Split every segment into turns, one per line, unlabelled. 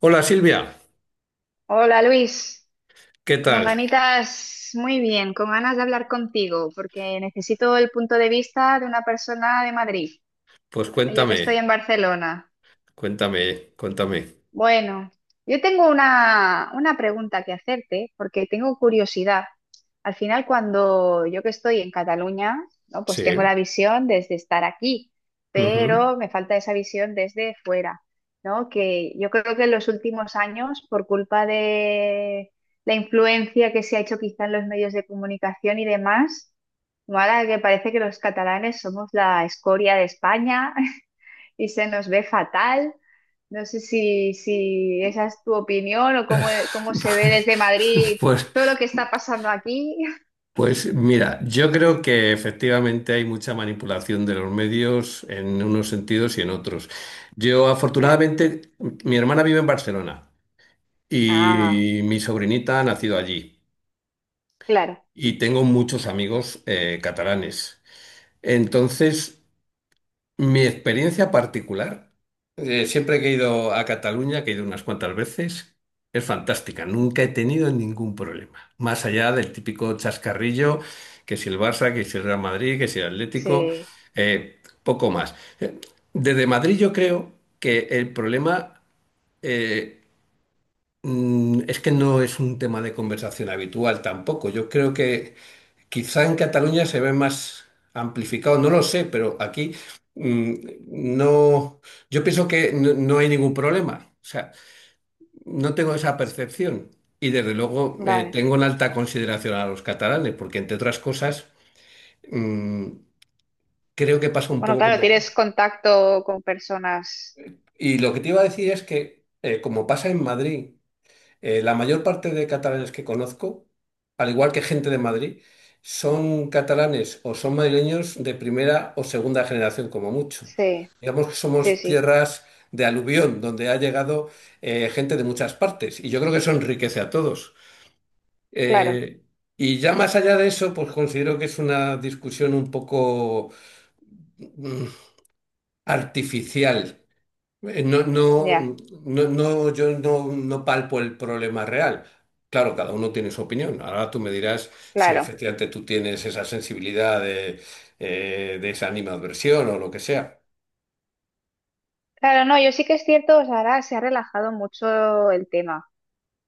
Hola Silvia,
Hola Luis,
¿qué
con
tal?
ganitas, muy bien, con ganas de hablar contigo, porque necesito el punto de vista de una persona de Madrid,
Pues
yo que estoy en
cuéntame,
Barcelona.
cuéntame, cuéntame.
Bueno, yo tengo una pregunta que hacerte porque tengo curiosidad. Al final, cuando yo que estoy en Cataluña, ¿no? Pues tengo la
Sí.
visión desde estar aquí,
Ujú.
pero me falta esa visión desde fuera, ¿no? Que yo creo que en los últimos años, por culpa de la influencia que se ha hecho quizá en los medios de comunicación y demás, ¿no? Ahora que parece que los catalanes somos la escoria de España, y se nos ve fatal. No sé si esa es tu opinión o cómo, cómo se ve desde Madrid
Pues,
todo lo que está pasando aquí.
pues mira, yo creo que efectivamente hay mucha manipulación de los medios en unos sentidos y en otros. Yo
Ya.
afortunadamente, mi hermana vive en Barcelona
Ah,
y mi sobrinita ha nacido allí
claro,
y tengo muchos amigos catalanes. Entonces, mi experiencia particular, siempre que he ido a Cataluña, que he ido unas cuantas veces, es fantástica. Nunca he tenido ningún problema. Más allá del típico chascarrillo, que si el Barça, que si el Real Madrid, que si el Atlético,
sí,
poco más. Eh, Desde Madrid yo creo que el problema eh, es que no es un tema de conversación habitual tampoco. Yo creo que quizá en Cataluña se ve más amplificado, no lo sé, pero aquí mm, no, yo pienso que no hay ningún problema. O sea, no tengo esa percepción. Y desde luego
vale.
tengo en alta consideración a los catalanes, porque entre otras cosas mm, creo que pasa un
Bueno,
poco
claro,
como...
tienes contacto con personas.
Y lo que te iba a decir es que, como pasa en Madrid, la mayor parte de catalanes que conozco, al igual que gente de Madrid, son catalanes o son madrileños de primera o segunda generación, como mucho.
Sí,
Digamos que
sí,
somos
sí,
tierras de aluvión, donde ha llegado gente de muchas partes, y yo creo que eso enriquece a todos.
claro,
Eh, y ya más allá de eso, pues considero que es una discusión un poco mm, artificial. No, no,
ya,
no, no, yo no, no palpo el problema real. Claro, cada uno tiene su opinión. Ahora tú me dirás si
claro.
efectivamente tú tienes esa sensibilidad de esa animadversión o lo que sea.
Claro, no, yo sí que es cierto, o sea, ahora se ha relajado mucho el tema.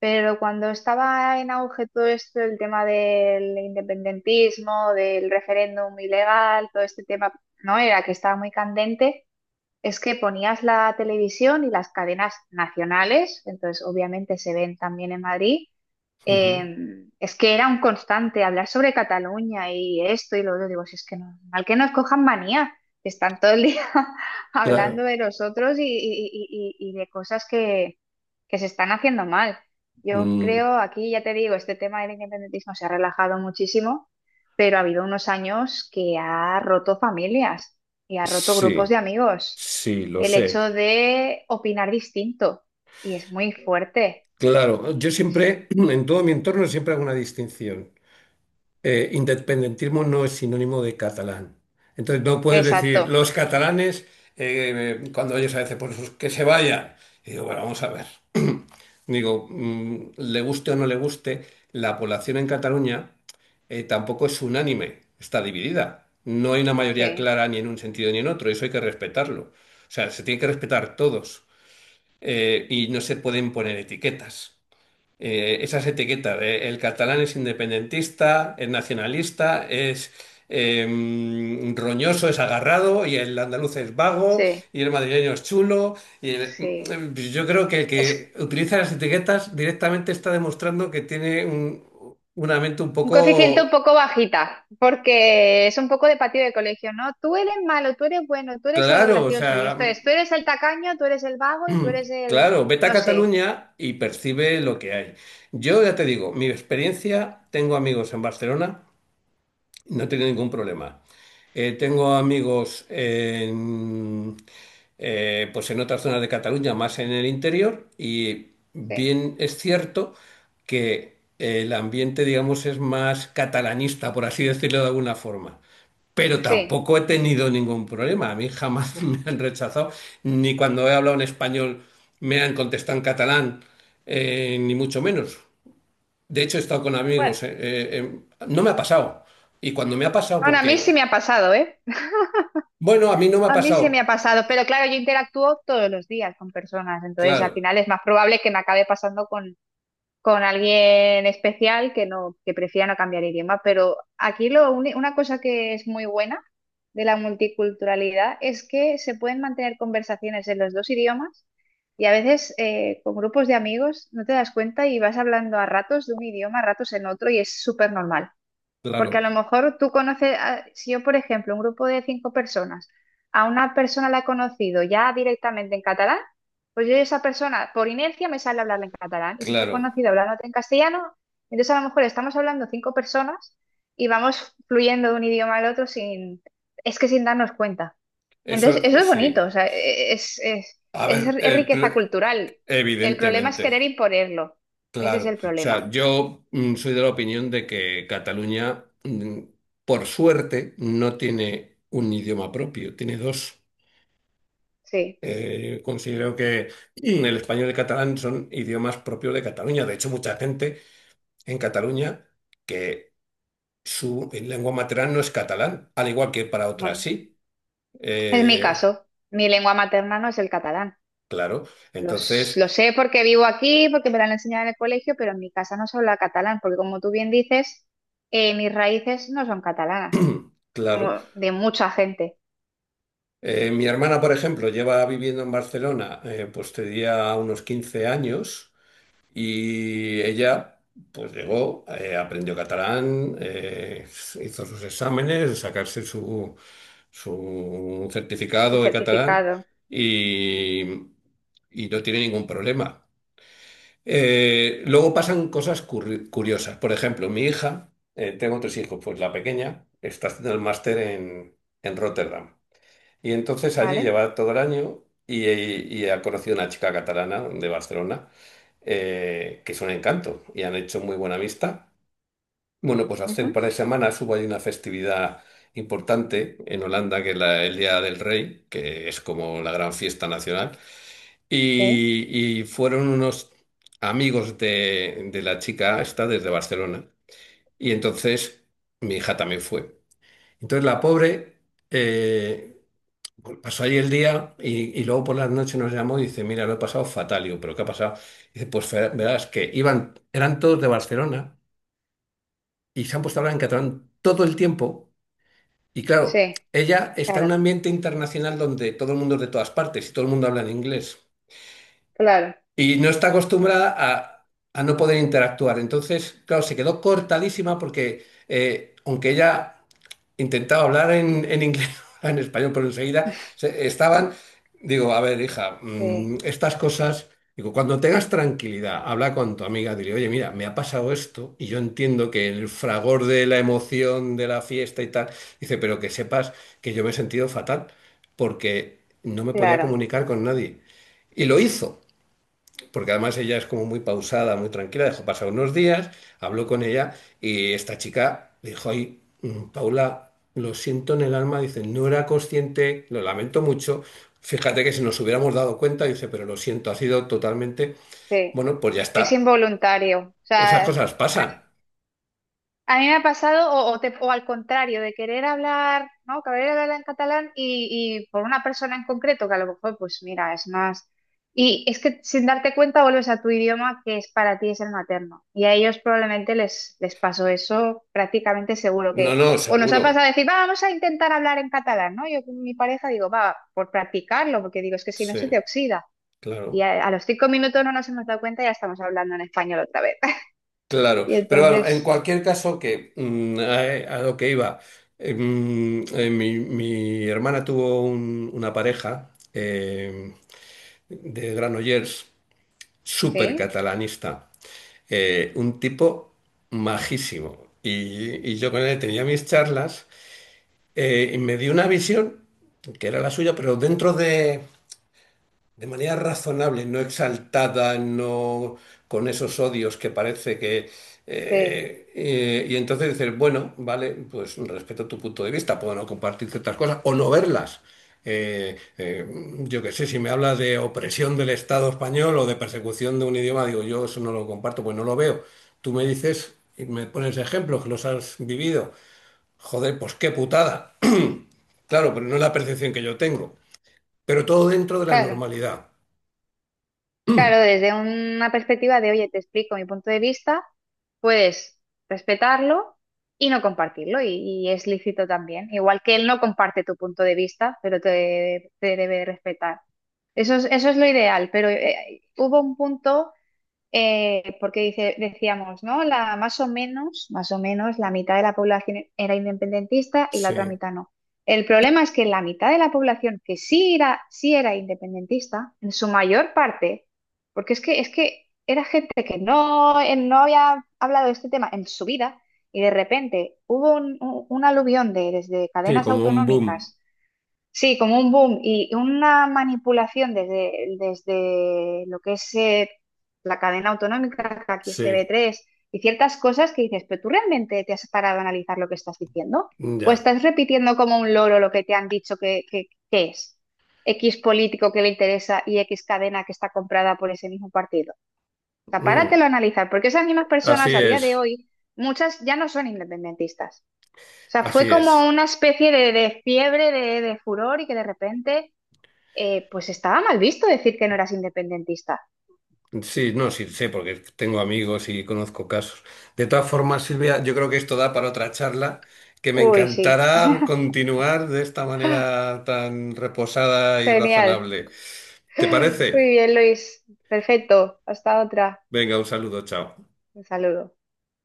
Pero cuando estaba en auge todo esto, el tema del independentismo, del referéndum ilegal, todo este tema, ¿no? Era que estaba muy candente. Es que ponías la televisión y las cadenas nacionales, entonces obviamente se ven también en Madrid.
Ujú.
Es que era un constante hablar sobre Cataluña y esto y lo otro. Digo, si es que no, mal que nos cojan manía, que están todo el día hablando
Claro.
de nosotros y de cosas que se están haciendo mal. Yo
Mm,
creo, aquí ya te digo, este tema del independentismo se ha relajado muchísimo, pero ha habido unos años que ha roto familias y ha roto grupos de
sí,
amigos
sí, lo
el
sé.
hecho de opinar distinto. Y es muy fuerte.
Claro, yo siempre, en todo mi entorno, siempre hago una distinción. Eh, independentismo no es sinónimo de catalán. Entonces no puedes decir
Exacto.
los catalanes, cuando ellos a veces, pues que se vayan. Y digo, bueno, vamos a ver. Digo, le guste o no le guste, la población en Cataluña tampoco es unánime, está dividida. No hay una mayoría
Sí,
clara ni en un sentido ni en otro, eso hay que respetarlo. O sea, se tiene que respetar todos y no se pueden poner etiquetas esas etiquetas. De el catalán es independentista, es nacionalista, es eh, roñoso, es agarrado, y el andaluz es vago,
sí,
y el madrileño es chulo.
sí.
Yo creo que el
Es
que utiliza las etiquetas directamente está demostrando que tiene un, una mente un
un coeficiente un
poco
poco bajita, porque es un poco de patio de colegio, ¿no? Tú eres malo, tú eres bueno, tú eres el
claro, o
gracioso. Y
sea,
esto es, tú eres el tacaño, tú eres el vago y tú eres el,
claro, vete a
no sé.
Cataluña y percibe lo que hay. Yo ya te digo, mi experiencia, tengo amigos en Barcelona. No he tenido ningún problema. Tengo amigos en, pues en otras zonas de Cataluña, más en el interior, y
Sí,
bien es cierto que el ambiente, digamos, es más catalanista, por así decirlo de alguna forma. Pero
sí.
tampoco he tenido ningún problema. A mí jamás me han rechazado, ni cuando he hablado en español me han contestado en catalán, ni mucho menos. De hecho, he estado con
Bueno,
amigos. No me ha pasado. Y cuando me ha pasado,
aún a mí
porque,
sí me ha pasado, ¿eh?
bueno, a mí no me ha
A mí sí me
pasado.
ha pasado, pero claro, yo interactúo todos los días con personas, entonces
Claro,
al final es más probable que me acabe pasando con alguien especial que no, que prefiera no cambiar idioma. Pero aquí lo, una cosa que es muy buena de la multiculturalidad es que se pueden mantener conversaciones en los dos idiomas y a veces con grupos de amigos no te das cuenta y vas hablando a ratos de un idioma, a ratos en otro y es súper normal. Porque a lo
claro,
mejor tú conoces, si yo, por ejemplo, un grupo de 5 personas, a una persona la he conocido ya directamente en catalán, pues yo a esa persona, por inercia, me sale hablarla en catalán. Y si te he
claro.
conocido hablándote en castellano, entonces a lo mejor estamos hablando 5 personas y vamos fluyendo de un idioma al otro sin, es que sin darnos cuenta. Entonces, eso
Eso
es bonito, o
sí.
sea, e, es, es,
A
es,
ver,
es
el
riqueza
pl-
cultural. El problema es
evidentemente,
querer imponerlo. Ese es
claro.
el
O sea,
problema.
yo soy de la opinión de que Cataluña, por suerte, no tiene un idioma propio, tiene dos.
Sí,
Considero que el español y el catalán son idiomas propios de Cataluña. De hecho, mucha gente en Cataluña que su lengua materna no es catalán, al igual que para otras
bueno.
sí.
Es mi
Eh,
caso. Mi lengua materna no es el catalán.
claro,
Los,
entonces,
lo sé porque vivo aquí, porque me la han enseñado en el colegio, pero en mi casa no se habla catalán, porque como tú bien dices, mis raíces no son catalanas,
claro.
como de mucha gente.
Mi hermana, por ejemplo, lleva viviendo en Barcelona, pues tenía unos 15 años y ella, pues llegó, aprendió catalán, hizo sus exámenes, sacarse su, su
Su
certificado de catalán
certificado,
y, y no tiene ningún problema. Luego pasan cosas curiosas. Por ejemplo, mi hija, tengo 3 hijos, pues la pequeña está haciendo el máster en Rotterdam. Y entonces allí
¿vale?
lleva todo el año y ha conocido una chica catalana de Barcelona, que es un encanto y han hecho muy buena amistad. Bueno, pues hace un
Ujú.
par de semanas hubo ahí una festividad importante en Holanda, que es el Día del Rey, que es como la gran fiesta nacional.
Sí,
Y fueron unos amigos de la chica esta desde Barcelona. Y entonces mi hija también fue. Entonces la pobre eh, pasó ahí el día y luego por las noches nos llamó y dice, mira, lo he pasado fatal. Y yo, ¿pero qué ha pasado? Dice, pues verás que iban, eran todos de Barcelona y se han puesto a hablar en catalán todo el tiempo. Y claro,
sí,
ella está en un
claro,
ambiente internacional donde todo el mundo es de todas partes y todo el mundo habla en inglés.
claro,
Y no está acostumbrada a no poder interactuar. Entonces, claro, se quedó cortadísima porque, aunque ella intentaba hablar en inglés, en español, pero enseguida estaban, digo, a ver, hija,
sí,
estas cosas, digo, cuando tengas tranquilidad, habla con tu amiga, dile, oye, mira, me ha pasado esto y yo entiendo que el fragor de la emoción de la fiesta y tal, dice, pero que sepas que yo me he sentido fatal porque no me podía
claro,
comunicar con nadie. Y lo hizo porque además ella es como muy pausada, muy tranquila, dejó pasar unos días, habló con ella y esta chica dijo, ay, Paula, lo siento en el alma, dice, no era consciente, lo lamento mucho, fíjate que si nos hubiéramos dado cuenta, dice, pero lo siento, ha sido totalmente,
sí.
bueno, pues ya
Es
está,
involuntario. O
esas
sea,
cosas pasan.
a mí me ha pasado, o al contrario, de querer hablar, ¿no? Querer hablar en catalán y por una persona en concreto, que a lo mejor, pues mira, es más. Y es que sin darte cuenta vuelves a tu idioma que es para ti es el materno. Y a ellos probablemente les pasó eso prácticamente seguro
No,
que.
no,
O nos ha pasado
seguro.
decir, "Va, vamos a intentar hablar en catalán, ¿no? Yo con mi pareja digo, va, por practicarlo, porque digo, es que si no
Sí,
se te oxida. Y
claro.
a los 5 minutos no nos hemos dado cuenta y ya estamos hablando en español otra vez.
Claro,
Y
pero bueno, en
entonces,
cualquier caso, que a lo que iba, mi, mi hermana tuvo una pareja de Granollers, súper
sí,
catalanista, un tipo majísimo. Y yo con él tenía mis charlas y me dio una visión, que era la suya, pero dentro de manera razonable, no exaltada, no con esos odios que parece que...
sí.
y entonces dices, bueno, vale, pues respeto tu punto de vista, puedo no compartir ciertas cosas o no verlas. Eh, eh, yo qué sé, si me habla de opresión del Estado español o de persecución de un idioma, digo, yo eso no lo comparto, pues no lo veo. Tú me dices y me pones ejemplos que los has vivido. Joder, pues qué putada. Claro, pero no es la percepción que yo tengo. Pero todo dentro de la
Claro,
normalidad.
claro, desde una perspectiva de, oye, te explico mi punto de vista, puedes respetarlo y no compartirlo, y es lícito también. Igual que él no comparte tu punto de vista, pero te debe respetar. Eso es lo ideal, pero hubo un punto porque dice, decíamos, ¿no? La, más o menos, la mitad de la población era independentista y la otra
Sí,
mitad no. El problema es que la mitad de la población que sí era independentista, en su mayor parte, porque es que era gente que no, no había hablado de este tema en su vida, y de repente hubo un aluvión de desde
sí,
cadenas
como un boom.
autonómicas. Sí, como un boom y una manipulación desde lo que es la cadena autonómica, que aquí es
Sí,
TV3, y ciertas cosas que dices, pero tú realmente te has parado a analizar lo que estás diciendo, o
ya.
estás repitiendo como un loro lo que te han dicho que, que es X político que le interesa y X cadena que está comprada por ese mismo partido. O sea,
Mm,
páratelo a analizar, porque esas mismas
así
personas a día de
es,
hoy, muchas ya no son independentistas. O sea, fue
así es.
como una especie de fiebre, de furor y que de repente, pues estaba mal visto decir que no eras independentista.
Sí, no, sí, sé, porque tengo amigos y conozco casos. De todas formas, Silvia, yo creo que esto da para otra charla que me
Uy, sí.
encantará continuar de esta manera tan reposada y
Genial.
razonable. ¿Te
Muy
parece?
bien, Luis. Perfecto. Hasta otra.
Venga, un saludo, chao.
Un saludo.